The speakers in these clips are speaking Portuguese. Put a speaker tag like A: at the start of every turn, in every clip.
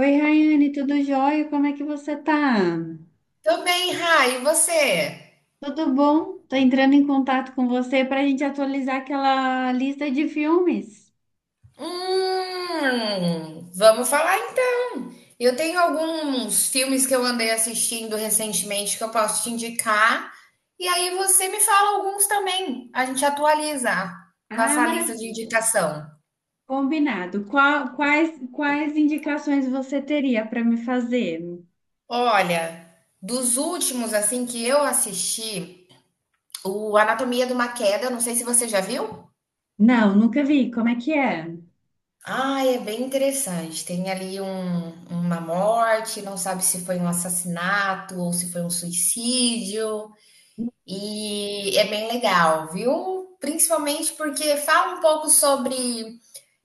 A: Oi, Rayane, tudo jóia? Como é que você tá?
B: Tô bem, Rai, e você?
A: Tudo bom? Tô entrando em contato com você para a gente atualizar aquela lista de filmes.
B: Vamos falar então. Eu tenho alguns filmes que eu andei assistindo recentemente que eu posso te indicar. E aí você me fala alguns também. A gente atualiza
A: Ah,
B: nossa lista de
A: maravilha.
B: indicação.
A: Combinado. Quais indicações você teria para me fazer?
B: Olha, dos últimos assim que eu assisti, o Anatomia de uma Queda, não sei se você já viu.
A: Não, nunca vi. Como é que é?
B: Ah, é bem interessante. Tem ali uma morte, não sabe se foi um assassinato ou se foi um suicídio. E é bem legal, viu? Principalmente porque fala um pouco sobre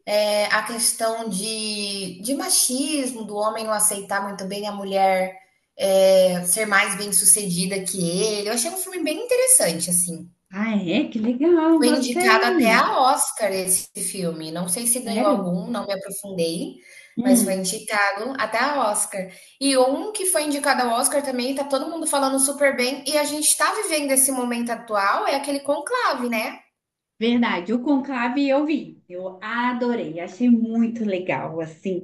B: a questão de machismo, do homem não aceitar muito bem a mulher, ser mais bem-sucedida que ele. Eu achei um filme bem interessante, assim.
A: Ah, é? Que legal,
B: Foi indicado até
A: gostei.
B: a Oscar esse filme, não sei se ganhou
A: Sério?
B: algum, não me aprofundei, mas foi
A: Hum.
B: indicado até a Oscar. E um que foi indicado ao Oscar também, tá todo mundo falando super bem, e a gente tá vivendo esse momento atual, é aquele conclave, né?
A: Verdade, o Conclave eu vi, eu adorei, achei muito legal, assim,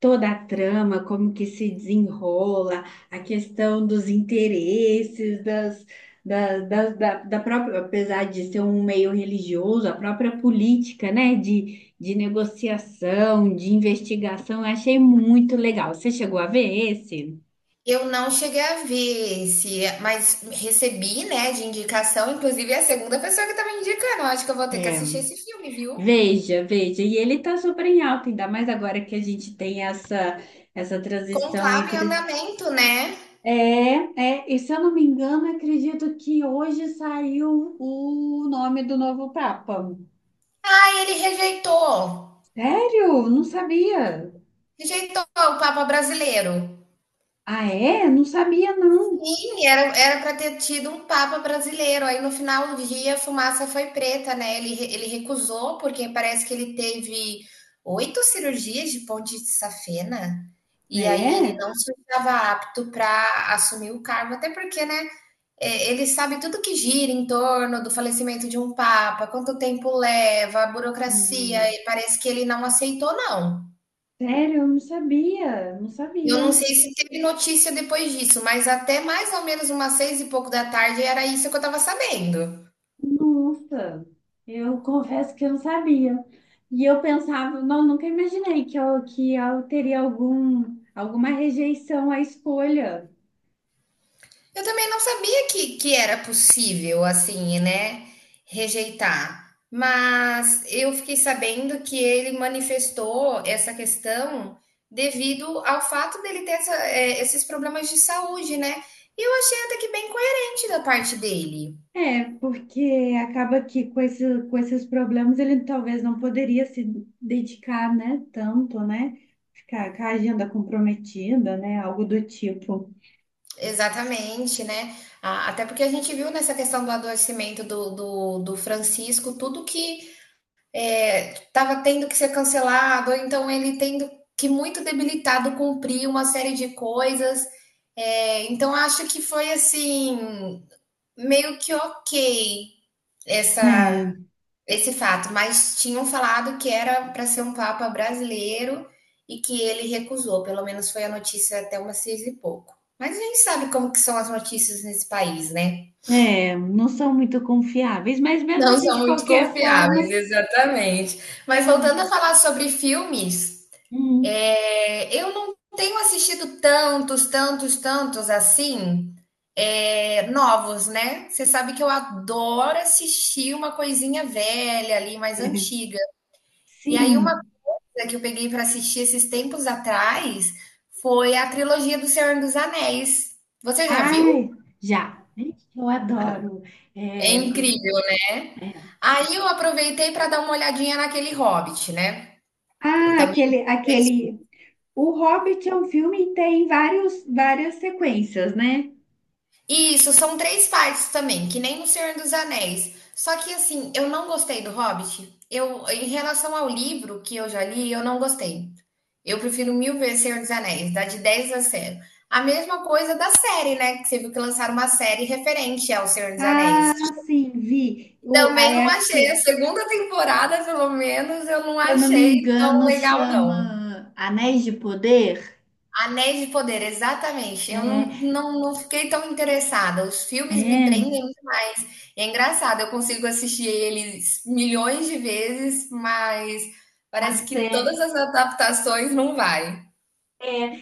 A: toda a trama, como que se desenrola, a questão dos interesses, das, da própria, apesar de ser um meio religioso, a própria política, né, de negociação, de investigação, eu achei muito legal. Você chegou a ver esse?
B: Eu não cheguei a ver esse, mas recebi, né, de indicação, inclusive é a segunda pessoa que tá me indicando, eu acho que eu vou ter que
A: É,
B: assistir esse filme, viu?
A: veja, veja, e ele tá super em alta, ainda mais agora que a gente tem essa transição
B: Conclave em
A: entre
B: andamento, né?
A: E se eu não me engano, acredito que hoje saiu o nome do novo Papa.
B: Aí ele rejeitou
A: Sério? Não sabia.
B: o Papa brasileiro.
A: Ah, é? Não sabia, não.
B: Sim, era para ter tido um papa brasileiro, aí no final do dia a fumaça foi preta, né, ele recusou, porque parece que ele teve 8 cirurgias de ponte de safena, e aí ele
A: É?
B: não se estava apto para assumir o cargo, até porque, né, ele sabe tudo que gira em torno do falecimento de um papa, quanto tempo leva, a burocracia,
A: Hum.
B: e parece que ele não aceitou não.
A: Sério, eu não sabia. Não
B: Eu
A: sabia.
B: não sei se teve notícia depois disso, mas até mais ou menos umas seis e pouco da tarde era isso que eu tava sabendo.
A: Nossa, eu confesso que eu não sabia. E eu pensava, não, nunca imaginei que eu teria algum, alguma rejeição à escolha.
B: Eu também não sabia que era possível, assim, né, rejeitar. Mas eu fiquei sabendo que ele manifestou essa questão devido ao fato dele ter esses problemas de saúde, né? E eu achei até que bem coerente da parte dele.
A: É, porque acaba que com esse, com esses problemas ele talvez não poderia se dedicar, né, tanto, né? Ficar com a agenda comprometida, né? Algo do tipo.
B: Exatamente, né? Até porque a gente viu nessa questão do adoecimento do Francisco, tudo que estava tendo que ser cancelado, ou então ele tendo que muito debilitado cumprir uma série de coisas. É, então acho que foi assim, meio que ok
A: É,
B: essa esse fato, mas tinham falado que era para ser um papa brasileiro e que ele recusou, pelo menos foi a notícia até umas seis e pouco. Mas a gente sabe como que são as notícias nesse país, né?
A: é, não são muito confiáveis, mas mesmo
B: Não
A: assim,
B: são
A: de
B: muito
A: qualquer
B: confiáveis,
A: forma,
B: exatamente. Mas voltando
A: eu.
B: a falar sobre filmes,
A: Hum,
B: eu não tenho assistido tantos assim, novos, né? Você sabe que eu adoro assistir uma coisinha velha ali, mais antiga. E aí, uma
A: sim.
B: que eu peguei pra assistir esses tempos atrás foi a trilogia do Senhor dos Anéis. Você já viu?
A: Ai, já. Gente, eu adoro.
B: É
A: É,
B: incrível, né?
A: é.
B: Aí eu aproveitei pra dar uma olhadinha naquele Hobbit, né?
A: Ah,
B: Também.
A: aquele, aquele. O Hobbit é um filme e tem vários, várias sequências, né?
B: Isso, são três partes também, que nem o Senhor dos Anéis. Só que assim, eu não gostei do Hobbit. Eu, em relação ao livro que eu já li, eu não gostei. Eu prefiro mil vezes Senhor dos Anéis, dá de 10 a zero. A mesma coisa da série, né? Que você viu que lançaram uma série referente ao Senhor dos Anéis.
A: Sim, vi. O,
B: Também
A: aí
B: não
A: acho
B: achei. A
A: que,
B: segunda temporada, pelo menos, eu não
A: se eu não me
B: achei tão
A: engano,
B: legal, não.
A: chama Anéis de Poder.
B: Anéis de Poder, exatamente. Eu
A: É,
B: não fiquei tão interessada. Os filmes me
A: é.
B: prendem muito mais. E é engraçado, eu consigo assistir eles milhões de vezes, mas
A: A
B: parece que todas
A: série.
B: as adaptações não vai.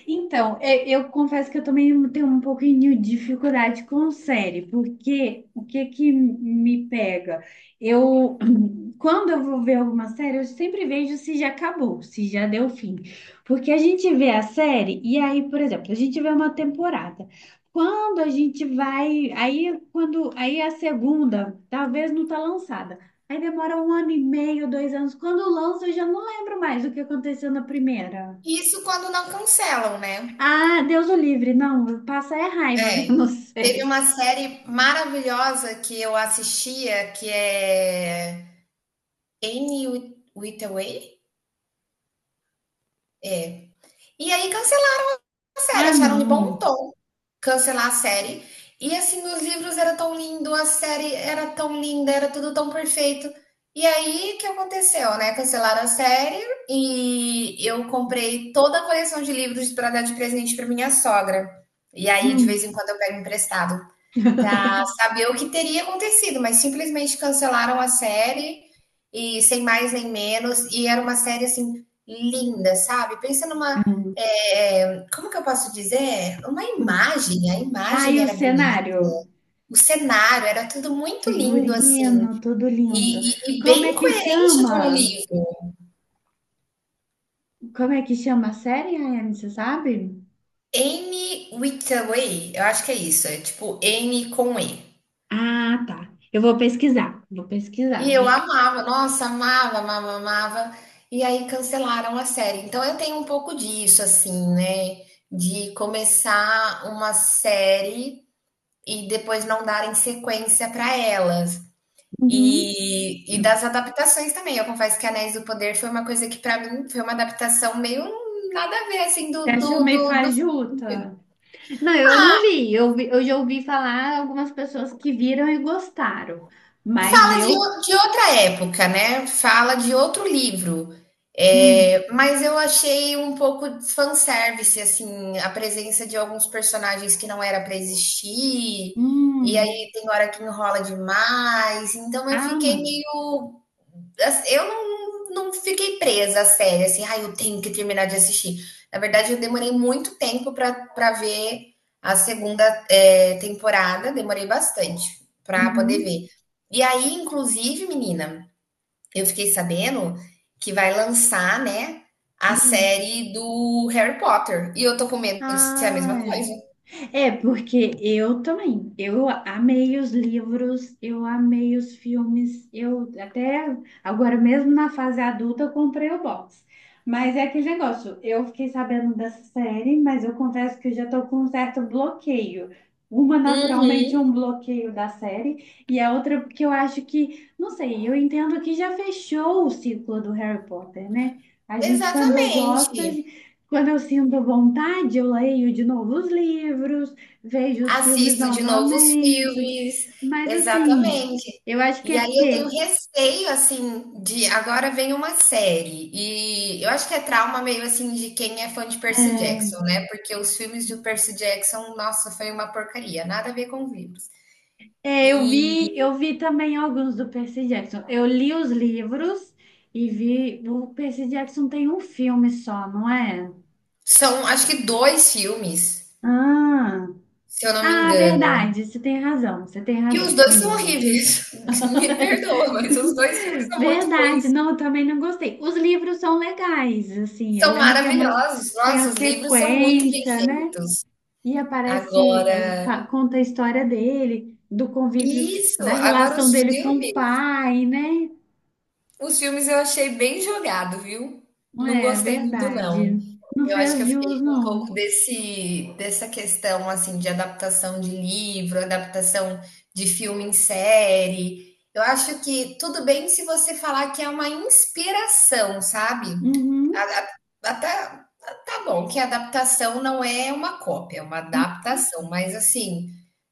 A: Então, é, eu confesso que eu também tenho um pouquinho de dificuldade com série, porque o que que me pega? Eu, quando eu vou ver alguma série, eu sempre vejo se já acabou, se já deu fim. Porque a gente vê a série e aí, por exemplo, a gente vê uma temporada. Quando a gente vai, aí quando, aí a segunda, talvez não tá lançada. Aí demora um ano e meio, dois anos. Quando lança, eu já não lembro mais do que aconteceu na primeira.
B: Isso quando não cancelam, né?
A: Ah, Deus o livre. Não, passa é raiva
B: É.
A: vendo
B: Teve
A: série.
B: uma série maravilhosa que eu assistia, que é Anne Withaway? É. E aí cancelaram a série,
A: Ah,
B: acharam de bom
A: não.
B: tom cancelar a série. E assim, os livros eram tão lindos, a série era tão linda, era tudo tão perfeito. E aí, o que aconteceu, né? Cancelaram a série e eu comprei toda a coleção de livros para dar de presente para minha sogra. E aí, de vez
A: Hum,
B: em quando, eu pego emprestado. Pra saber o que teria acontecido, mas simplesmente cancelaram a série e sem mais nem menos, e era uma série assim linda, sabe? Pensa numa,
A: hum,
B: como que eu posso dizer? Uma
A: hum.
B: imagem, a
A: Ah,
B: imagem
A: e o
B: era bonita,
A: cenário?
B: o cenário era tudo muito lindo assim,
A: Figurino, tudo lindo.
B: e
A: Como
B: bem
A: é que
B: coerente com o
A: chama?
B: livro.
A: Como é que chama a série, Rayane, você sabe?
B: Anne Hathaway, eu acho que é isso, é tipo N com E.
A: Ah, tá. Eu vou pesquisar. Vou
B: E
A: pesquisar.
B: eu amava, nossa, amava, amava, amava. E aí cancelaram a série. Então eu tenho um pouco disso, assim, né? De começar uma série e depois não darem sequência para elas.
A: Uhum.
B: E das adaptações também. Eu confesso que Anéis do Poder foi uma coisa que para mim foi uma adaptação meio nada a ver, assim,
A: Você
B: do,
A: achou
B: do,
A: meio
B: do, do filme.
A: fajuta? Não, eu não vi. Eu, eu já ouvi falar algumas pessoas que viram e gostaram. Mas
B: Fala de,
A: eu.
B: de outra época, né? Fala de outro livro.
A: Hum,
B: É, mas eu achei um pouco de fanservice, assim, a presença de alguns personagens que não era para existir, e
A: hum.
B: aí tem hora que enrola demais, então eu
A: Ah,
B: fiquei
A: não.
B: meio. Assim, eu não fiquei presa à série, assim, ai, eu tenho que terminar de assistir. Na verdade, eu demorei muito tempo pra ver a segunda, temporada, demorei bastante pra poder
A: Uhum.
B: ver. E aí, inclusive, menina, eu fiquei sabendo que vai lançar, né, a
A: Uhum.
B: série do Harry Potter. E eu tô com medo de ser a mesma
A: Ah,
B: coisa.
A: é. É, porque eu também. Eu amei os livros, eu amei os filmes. Eu até agora mesmo na fase adulta eu comprei o box. Mas é aquele negócio, eu fiquei sabendo dessa série, mas eu confesso que eu já estou com um certo bloqueio. Uma naturalmente
B: Uhum.
A: um bloqueio da série, e a outra porque eu acho que, não sei, eu entendo que já fechou o ciclo do Harry Potter, né? A gente, quando gosta,
B: Exatamente.
A: quando eu sinto vontade, eu leio de novo os livros, vejo os filmes
B: Assisto de novo os
A: novamente.
B: filmes,
A: Mas assim,
B: exatamente.
A: eu acho que
B: E
A: é
B: aí eu tenho
A: porque
B: receio, assim, de agora vem uma série. E eu acho que é trauma meio assim de quem é fã de Percy Jackson,
A: é,
B: né? Porque os filmes de Percy Jackson, nossa, foi uma porcaria, nada a ver com os livros.
A: é, eu
B: E
A: vi, eu vi também alguns do Percy Jackson. Eu li os livros e vi. O Percy Jackson tem um filme só, não é?
B: são, acho que dois filmes,
A: Ah,
B: se eu não me
A: ah,
B: engano.
A: verdade. Você tem razão. Você tem
B: E os
A: razão.
B: dois
A: São
B: são
A: dois.
B: horríveis. Me perdoa, mas os dois filmes são muito
A: Verdade,
B: ruins.
A: não, eu também não gostei. Os livros são legais, assim, eu
B: São
A: lembro que é umas,
B: maravilhosos.
A: tem a
B: Nossa, os livros são muito bem
A: sequência, né?
B: feitos.
A: E aparece,
B: Agora
A: conta a história dele, do convívio,
B: isso,
A: da
B: agora
A: relação dele com o pai, né?
B: os filmes eu achei bem jogado, viu. Não
A: É
B: gostei muito não.
A: verdade. Não
B: Eu acho que
A: fez
B: eu
A: jus,
B: fiquei com um
A: não.
B: pouco desse dessa questão, assim, de adaptação de livro, adaptação de filme em série. Eu acho que tudo bem se você falar que é uma inspiração, sabe.
A: Uhum.
B: A Até tá bom que a adaptação não é uma cópia, é uma adaptação, mas assim,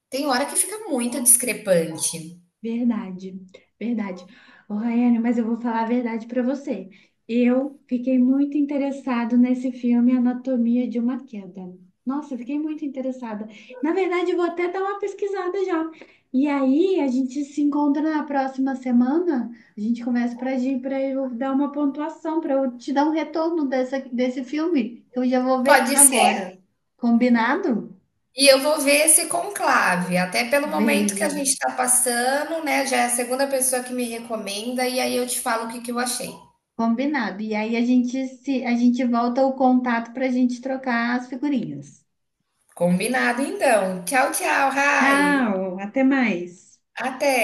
B: tem hora que fica muito discrepante.
A: Verdade, verdade. Ô, Rayane, mas eu vou falar a verdade para você. Eu fiquei muito interessado nesse filme Anatomia de uma Queda. Nossa, eu fiquei muito interessada. Na verdade, eu vou até dar uma pesquisada já. E aí, a gente se encontra na próxima semana. A gente começa para eu dar uma pontuação, para eu te dar um retorno dessa, desse filme, que eu já vou ver
B: Pode ser.
A: agora. Combinado?
B: E eu vou ver esse conclave, até pelo momento que
A: Veja.
B: a gente está passando, né? Já é a segunda pessoa que me recomenda, e aí eu te falo o que que eu achei.
A: Combinado. E aí a gente se a gente volta o contato para a gente trocar as figurinhas.
B: Combinado, então. Tchau, tchau, Rai.
A: Tchau, até mais.
B: Até.